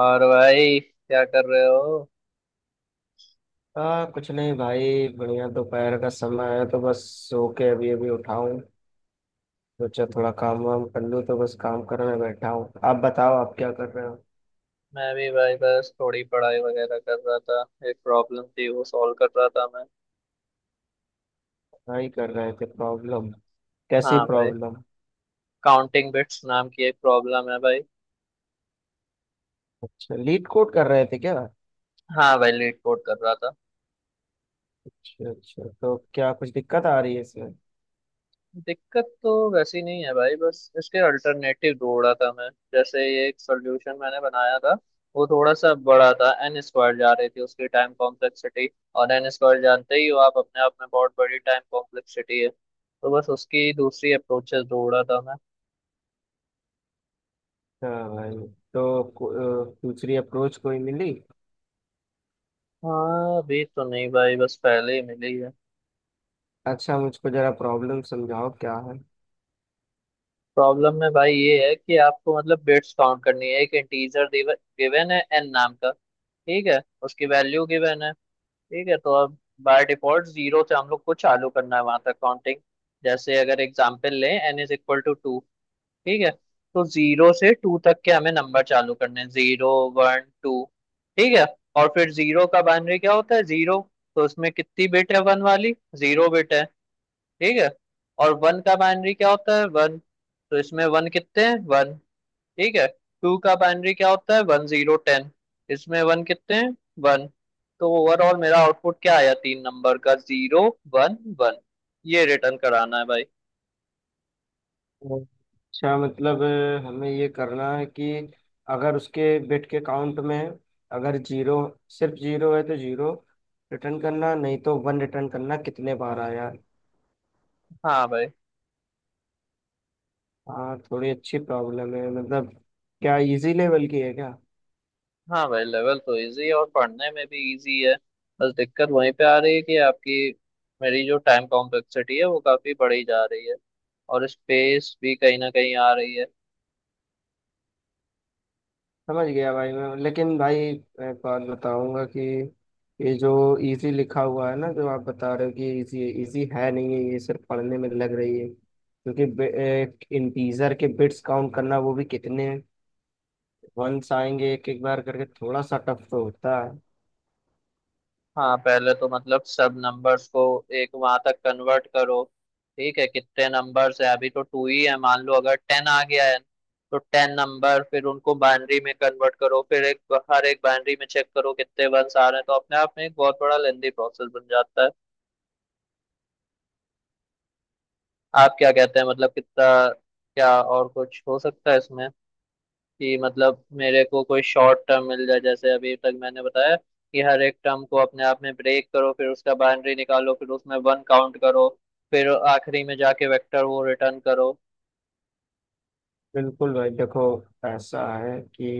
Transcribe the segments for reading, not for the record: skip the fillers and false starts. और भाई क्या कर रहे हो? हाँ, कुछ नहीं भाई। बढ़िया, दोपहर का समय है तो बस सो के अभी अभी उठा हूँ। सोचा थोड़ा काम वाम कर लूँ तो बस काम करने बैठा हूँ। आप बताओ, आप क्या कर रहे हो? मैं भी भाई बस थोड़ी पढ़ाई वगैरह कर रहा था। एक प्रॉब्लम थी, वो सॉल्व कर रहा था मैं। क्या ही कर रहे थे प्रॉब्लम? कैसी हाँ भाई। प्रॉब्लम? काउंटिंग बिट्स नाम की एक प्रॉब्लम है भाई। अच्छा, लीड कोड कर रहे थे क्या? हाँ भाई, लीड कोड कर रहा था। अच्छा अच्छा, तो क्या कुछ दिक्कत आ रही है इसमें? दिक्कत तो वैसी नहीं है भाई, बस इसके अल्टरनेटिव ढूंढ रहा था मैं। जैसे ये एक सोल्यूशन मैंने बनाया था, वो थोड़ा सा बड़ा था, एन स्क्वायर जा रही थी उसकी टाइम कॉम्प्लेक्सिटी। और एन स्क्वायर जानते ही हो आप, अपने आप में बहुत बड़ी टाइम कॉम्प्लेक्सिटी है, तो बस उसकी दूसरी अप्रोचेस ढूंढ रहा था। हाँ भाई। तो दूसरी अप्रोच कोई मिली? हाँ अभी तो नहीं भाई, बस पहले ही मिली है। अच्छा, मुझको जरा प्रॉब्लम समझाओ क्या प्रॉब्लम में भाई ये है कि आपको मतलब बिट्स काउंट करनी है, एक इंटीजर गिवन है एन नाम का। ठीक है। उसकी वैल्यू गिवन है। ठीक है, तो अब बाय डिफॉल्ट जीरो से हम लोग को चालू करना है, वहां तक काउंटिंग। जैसे अगर एग्जांपल लें, N is equal to two. ठीक है। तो जीरो से टू तक के हमें नंबर चालू करने हैं, जीरो वन टू। ठीक है। और फिर जीरो का बाइनरी क्या होता है? जीरो। तो उसमें कितनी बिट है वन वाली? जीरो बिट है। ठीक है। और वन का बाइनरी क्या होता है? वन। तो इसमें वन कितने हैं? वन। ठीक है। टू का बाइनरी क्या होता है? One zero, ten. इसमें वन कितने हैं? वन। तो ओवरऑल मेरा आउटपुट क्या आया? तीन नंबर का, जीरो वन वन। ये रिटर्न कराना है भाई। है। अच्छा मतलब, हमें ये करना है कि अगर उसके बिट के काउंट में अगर जीरो, सिर्फ जीरो है तो जीरो रिटर्न करना, नहीं तो वन रिटर्न करना कितने बार आया। हाँ भाई। हाँ, थोड़ी अच्छी प्रॉब्लम है मतलब। क्या इजी लेवल की है क्या? हाँ भाई, लेवल तो इजी है, और पढ़ने में भी इजी है। बस दिक्कत वहीं पे आ रही है कि आपकी मेरी जो टाइम कॉम्प्लेक्सिटी है वो काफी बढ़ी जा रही है, और स्पेस भी कहीं ना कहीं आ रही है। समझ गया भाई मैं, लेकिन भाई मैं एक बात बताऊंगा कि ये जो इजी लिखा हुआ है ना, जो आप बता रहे हो कि इजी है नहीं है, ये सिर्फ पढ़ने में लग रही है। क्योंकि इंटीजर के बिट्स काउंट करना, वो भी कितने हैं, वंस आएंगे एक एक बार करके, थोड़ा सा टफ तो होता है। हाँ पहले तो मतलब सब नंबर्स को एक वहां तक कन्वर्ट करो। ठीक है, कितने नंबर्स है? अभी तो टू ही है, मान लो अगर 10 आ गया है, तो 10 नंबर, फिर उनको बाइनरी में कन्वर्ट करो, फिर एक हर एक बाइनरी में चेक करो कितने वंस आ रहे हैं, तो अपने आप में एक बहुत बड़ा लेंदी प्रोसेस बन जाता है। आप क्या कहते हैं, मतलब कितना, क्या और कुछ हो सकता है इसमें कि मतलब मेरे को कोई शॉर्ट टर्म मिल जाए, जैसे अभी तक मैंने बताया कि हर एक टर्म को अपने आप में ब्रेक करो, फिर उसका बाउंड्री निकालो, फिर उसमें वन काउंट करो, फिर आखिरी में जाके वेक्टर वो रिटर्न करो। बिल्कुल भाई, देखो, ऐसा है कि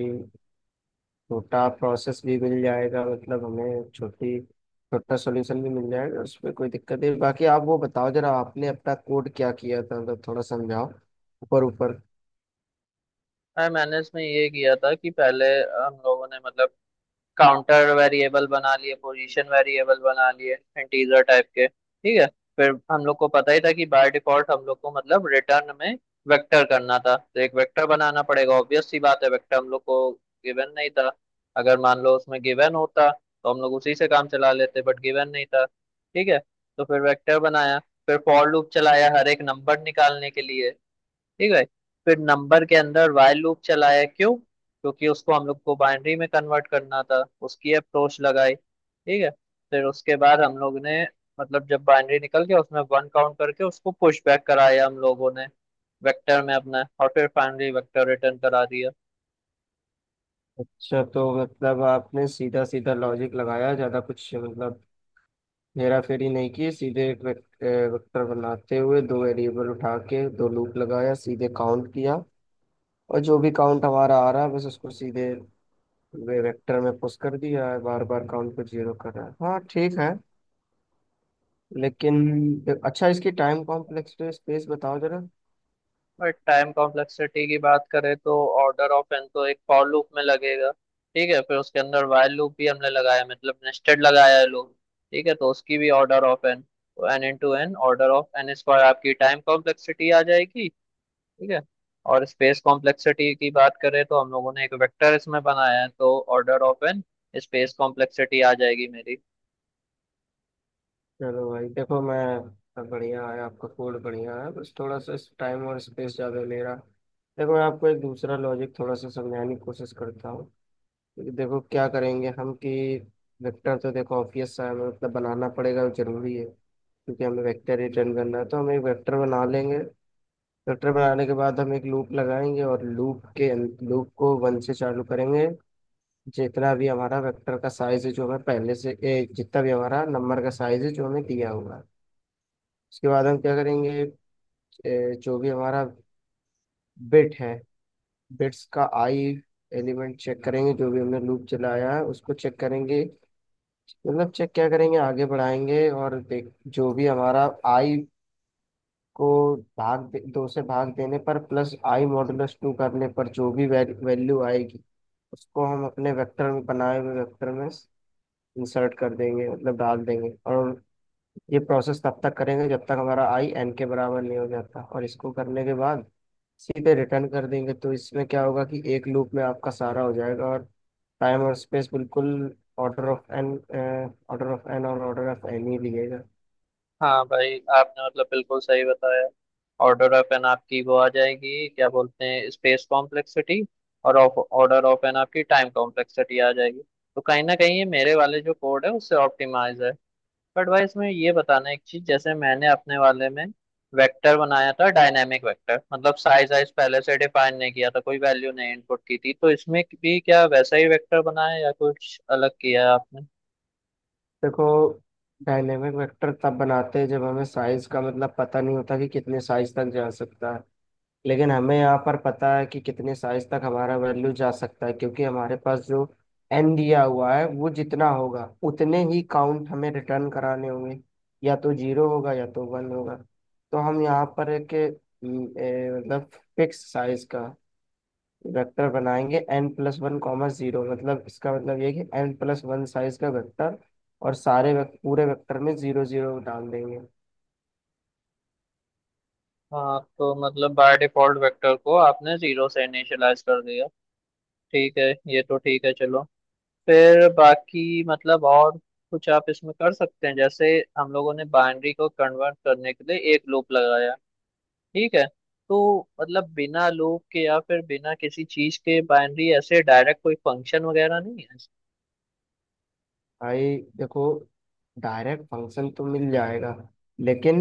छोटा प्रोसेस भी मिल जाएगा, मतलब हमें छोटी छोटा सॉल्यूशन भी मिल जाएगा, उसमें कोई दिक्कत नहीं। बाकी आप वो बताओ जरा, आपने अपना कोड क्या किया था, मतलब थोड़ा समझाओ, ऊपर ऊपर। और मैंने इसमें ये किया था कि पहले हम लोगों ने मतलब काउंटर वेरिएबल बना लिए, पोजीशन वेरिएबल बना लिए, इंटीजर टाइप के। ठीक है। फिर हम लोग को पता ही था कि बाय डिफॉल्ट हम लोग को मतलब रिटर्न में वेक्टर करना था, तो एक वेक्टर बनाना पड़ेगा, ऑब्वियस सी बात है, वेक्टर हम लोग को गिवन नहीं था। अगर मान लो उसमें गिवन होता तो हम लोग उसी से काम चला लेते, बट गिवन नहीं था। ठीक है। तो फिर वेक्टर बनाया, फिर फॉर लूप चलाया हर एक नंबर निकालने के लिए। ठीक है। फिर नंबर के अंदर while लूप चलाया, क्यों? क्योंकि उसको हम लोग को बाइनरी में कन्वर्ट करना था, उसकी अप्रोच लगाई। ठीक है। फिर उसके बाद हम लोग ने मतलब जब बाइनरी निकल गया, उसमें वन काउंट करके उसको पुश बैक कराया हम लोगों ने वेक्टर में अपना, और फिर फाइनली वेक्टर रिटर्न करा दिया। अच्छा, तो मतलब आपने सीधा सीधा लॉजिक लगाया, ज्यादा कुछ मतलब हेरा फेरी नहीं की, सीधे एक वेक्टर बनाते हुए दो वेरिएबल उठा के दो लूप लगाया, सीधे काउंट किया, और जो भी काउंट हमारा आ रहा है बस उसको सीधे वे वेक्टर में पुश कर दिया है, बार बार काउंट को जीरो कर रहा है, हाँ ठीक है। लेकिन अच्छा, इसकी टाइम कॉम्प्लेक्सिटी स्पेस बताओ जरा। और टाइम कॉम्प्लेक्सिटी की बात करें तो ऑर्डर ऑफ एन तो एक फॉर लूप में लगेगा। ठीक है, फिर उसके अंदर वाइल लूप भी हमने लगाया है, मतलब नेस्टेड लगाया है लूप। ठीक है, तो उसकी भी ऑर्डर ऑफ एन, तो N into N, order of N square आपकी टाइम कॉम्प्लेक्सिटी आ जाएगी। ठीक है। और स्पेस कॉम्प्लेक्सिटी की बात करें तो हम लोगों ने एक वेक्टर इसमें बनाया है, तो order of N space complexity आ जाएगी मेरी। चलो भाई, देखो मैं, बढ़िया है आपका कोड, बढ़िया है, बस थोड़ा सा टाइम और स्पेस ज़्यादा ले रहा। देखो, मैं आपको एक दूसरा लॉजिक थोड़ा सा समझाने की कोशिश करता हूँ। क्योंकि देखो, क्या करेंगे हम कि वेक्टर तो देखो ऑब्वियस सा है, मतलब बनाना पड़ेगा, वो जरूरी है क्योंकि हमें वेक्टर रिटर्न करना है तो हम एक वेक्टर बना लेंगे। चैप्टर बनाने के बाद हम एक लूप लगाएंगे, और लूप को वन से चालू करेंगे, जितना भी हमारा वेक्टर का साइज है जो हमें जितना भी हमारा नंबर का साइज है जो हमें दिया हुआ है। उसके बाद हम क्या करेंगे, जो भी हमारा बिट है बिट्स का आई एलिमेंट चेक करेंगे, जो भी हमने लूप चलाया है उसको चेक करेंगे, मतलब चेक क्या करेंगे, आगे बढ़ाएंगे और देख जो भी हमारा आई को दो से भाग देने पर प्लस आई मॉडुलस टू करने पर जो भी वैल्यू आएगी उसको हम अपने वेक्टर में बनाए हुए वेक्टर में इंसर्ट कर देंगे, मतलब डाल देंगे। और ये प्रोसेस तब तक करेंगे जब तक हमारा आई एन के बराबर नहीं हो जाता, और इसको करने के बाद सीधे रिटर्न कर देंगे। तो इसमें क्या होगा कि एक लूप में आपका सारा हो जाएगा, और टाइम और स्पेस बिल्कुल order of N, order of N और ऑर्डर ऑफ एन ही लिएगा। हाँ भाई, आपने मतलब बिल्कुल सही बताया। ऑर्डर ऑफ एन आपकी वो आ जाएगी, क्या बोलते हैं, स्पेस कॉम्प्लेक्सिटी, और ऑफ ऑर्डर ऑफ एन आपकी टाइम कॉम्प्लेक्सिटी आ जाएगी। तो कहीं ना कहीं ये मेरे वाले जो कोड है उससे ऑप्टिमाइज है। बट भाई इसमें ये बताना है एक चीज, जैसे मैंने अपने वाले में वेक्टर बनाया था डायनेमिक वेक्टर, मतलब साइज वाइज पहले से डिफाइन नहीं किया था, कोई वैल्यू नहीं इनपुट की थी, तो इसमें भी क्या वैसा ही वेक्टर बनाया या कुछ अलग किया है आपने? देखो, डायनेमिक वेक्टर तब बनाते हैं जब हमें साइज का मतलब पता नहीं होता कि कितने साइज तक जा सकता है, लेकिन हमें यहाँ पर पता है कि कितने साइज तक हमारा वैल्यू जा सकता है, क्योंकि हमारे पास जो एन दिया हुआ है वो जितना होगा उतने ही काउंट हमें रिटर्न कराने होंगे, या तो जीरो होगा या तो वन होगा। तो हम यहाँ पर एक मतलब फिक्स साइज का वेक्टर बनाएंगे, N plus one comma zero, मतलब इसका मतलब ये है कि एन प्लस वन साइज का वेक्टर, और सारे पूरे वेक्टर में जीरो जीरो डाल देंगे। हाँ तो मतलब बाय डिफॉल्ट वेक्टर को आपने जीरो से इनिशियलाइज कर दिया। ठीक है। ये तो ठीक है चलो। फिर बाकी मतलब और कुछ आप इसमें कर सकते हैं? जैसे हम लोगों ने बाइनरी को कन्वर्ट करने के लिए एक लूप लगाया। ठीक है, तो मतलब बिना लूप के या फिर बिना किसी चीज के बाइनरी ऐसे डायरेक्ट कोई फंक्शन वगैरह नहीं है? भाई देखो, डायरेक्ट फंक्शन तो मिल जाएगा, लेकिन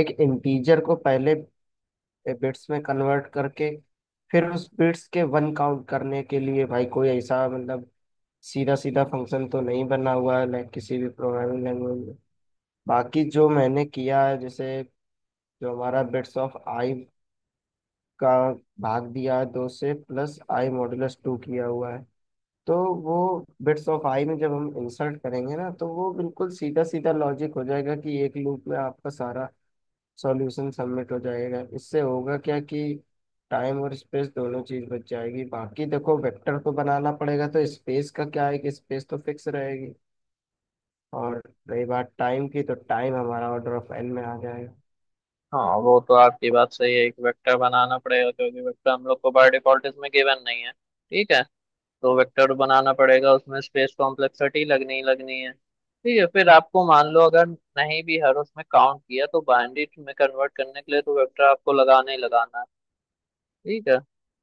एक इंटीजर को पहले बिट्स में कन्वर्ट करके फिर उस बिट्स के वन काउंट करने के लिए भाई कोई ऐसा मतलब सीधा सीधा फंक्शन तो नहीं बना हुआ है लाइक किसी भी प्रोग्रामिंग लैंग्वेज में। बाकी जो मैंने किया है, जैसे जो हमारा बिट्स ऑफ आई का भाग दिया है दो से, प्लस आई मॉडुलस टू किया हुआ है, तो वो बिट्स ऑफ आई में जब हम इंसर्ट करेंगे ना, तो वो बिल्कुल सीधा सीधा लॉजिक हो जाएगा कि एक लूप में आपका सारा सॉल्यूशन सबमिट हो जाएगा। इससे होगा क्या कि टाइम और स्पेस दोनों चीज बच जाएगी। बाकी देखो, वेक्टर को बनाना पड़ेगा तो स्पेस का क्या है कि स्पेस तो फिक्स रहेगी, और रही बात टाइम की, तो टाइम हमारा ऑर्डर ऑफ एन में आ जाएगा। हाँ वो तो आपकी बात सही है, एक वेक्टर बनाना पड़ेगा, क्योंकि वेक्टर हम लोग को बाय डिफॉल्ट इसमें गिवन नहीं है। ठीक है, तो वेक्टर बनाना पड़ेगा, उसमें स्पेस कॉम्प्लेक्सिटी लगनी ही लगनी है। ठीक है, फिर आपको मान लो अगर नहीं भी हर उसमें काउंट किया, तो बाइनरी में कन्वर्ट करने के लिए तो वेक्टर आपको लगाना ही लगाना है। ठीक है,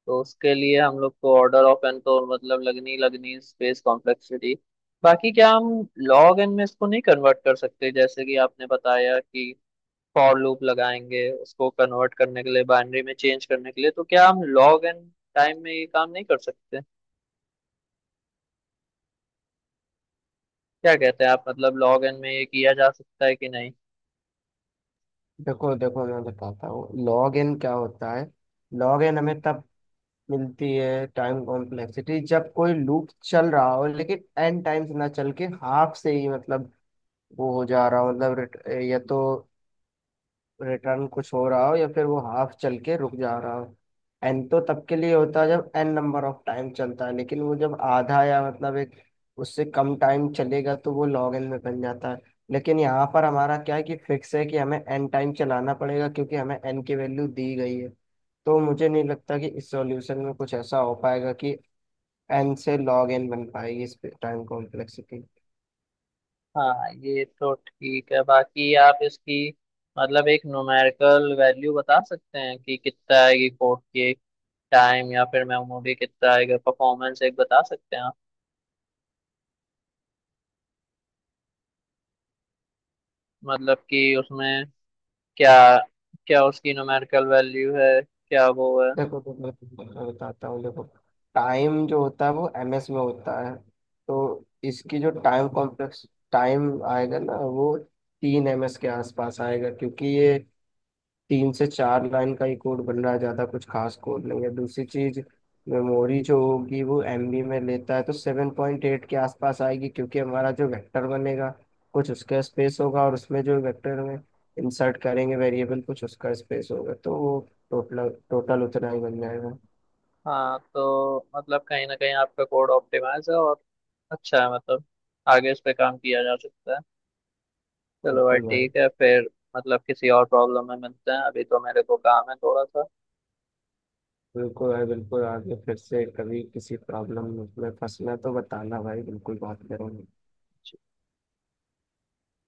तो उसके लिए हम लोग को ऑर्डर ऑफ एन, तो मतलब लगनी ही लगनी स्पेस कॉम्प्लेक्सिटी। बाकी क्या हम लॉग एन में इसको नहीं कन्वर्ट कर सकते, जैसे कि आपने बताया कि फॉर लूप लगाएंगे उसको कन्वर्ट करने के लिए, बाइनरी में चेंज करने के लिए, तो क्या हम लॉग एन टाइम में ये काम नहीं कर सकते? क्या कहते हैं आप, मतलब लॉग इन में ये किया जा सकता है कि नहीं? देखो देखो, मैं बताता हूँ लॉग एन क्या होता है। लॉग एन हमें तब मिलती है टाइम कॉम्प्लेक्सिटी, जब कोई लूप चल रहा हो लेकिन एन टाइम्स ना चल के हाफ से ही मतलब वो हो जा रहा हो, मतलब या तो रिटर्न कुछ हो रहा हो या फिर वो हाफ चल के रुक जा रहा हो। एन तो तब के लिए होता है जब एन नंबर ऑफ टाइम चलता है, लेकिन वो जब आधा या मतलब एक उससे कम टाइम चलेगा तो वो लॉग एन में बन जाता है। लेकिन यहाँ पर हमारा क्या है कि फिक्स है कि हमें एन टाइम चलाना पड़ेगा, क्योंकि हमें एन की वैल्यू दी गई है, तो मुझे नहीं लगता कि इस सॉल्यूशन में कुछ ऐसा हो पाएगा कि एन से लॉग एन बन पाएगी इस पे टाइम कॉम्प्लेक्सिटी। हाँ ये तो ठीक है, बाकी आप इसकी मतलब एक न्यूमेरिकल वैल्यू बता सकते हैं कि कितना आएगी कोड की टाइम, या फिर मेमोरी कितना आएगा, परफॉर्मेंस एक बता सकते हैं आप, मतलब कि उसमें क्या, क्या उसकी न्यूमेरिकल वैल्यू है, क्या वो है? देखो, तो मैं तुम्हें बताता हूँ, देखो टाइम जो होता है वो एम एस में होता है, तो इसकी जो टाइम आएगा ना वो 3 ms के आसपास आएगा, क्योंकि ये 3 से 4 लाइन का ही कोड बन रहा है, ज़्यादा कुछ खास कोड नहीं है। दूसरी चीज़, मेमोरी जो होगी वो एमबी में लेता है, तो 7.8 के आसपास आएगी, क्योंकि हमारा जो वेक्टर बनेगा कुछ उसका स्पेस होगा, और उसमें जो वेक्टर में इंसर्ट करेंगे वेरिएबल, कुछ उसका स्पेस होगा, तो वो टोटल टोटल उतना ही बन जाएगा। हाँ तो मतलब कहीं ना कहीं आपका कोड ऑप्टिमाइज है और अच्छा है, मतलब आगे इस पे काम किया जा सकता है। चलो भाई बिल्कुल भाई ठीक है फिर, मतलब किसी और प्रॉब्लम में मिलते हैं, अभी तो मेरे को काम है थोड़ा सा। बिल्कुल भाई बिल्कुल, आगे फिर से कभी किसी प्रॉब्लम में फंसना तो बताना भाई, बिल्कुल बात करेंगे।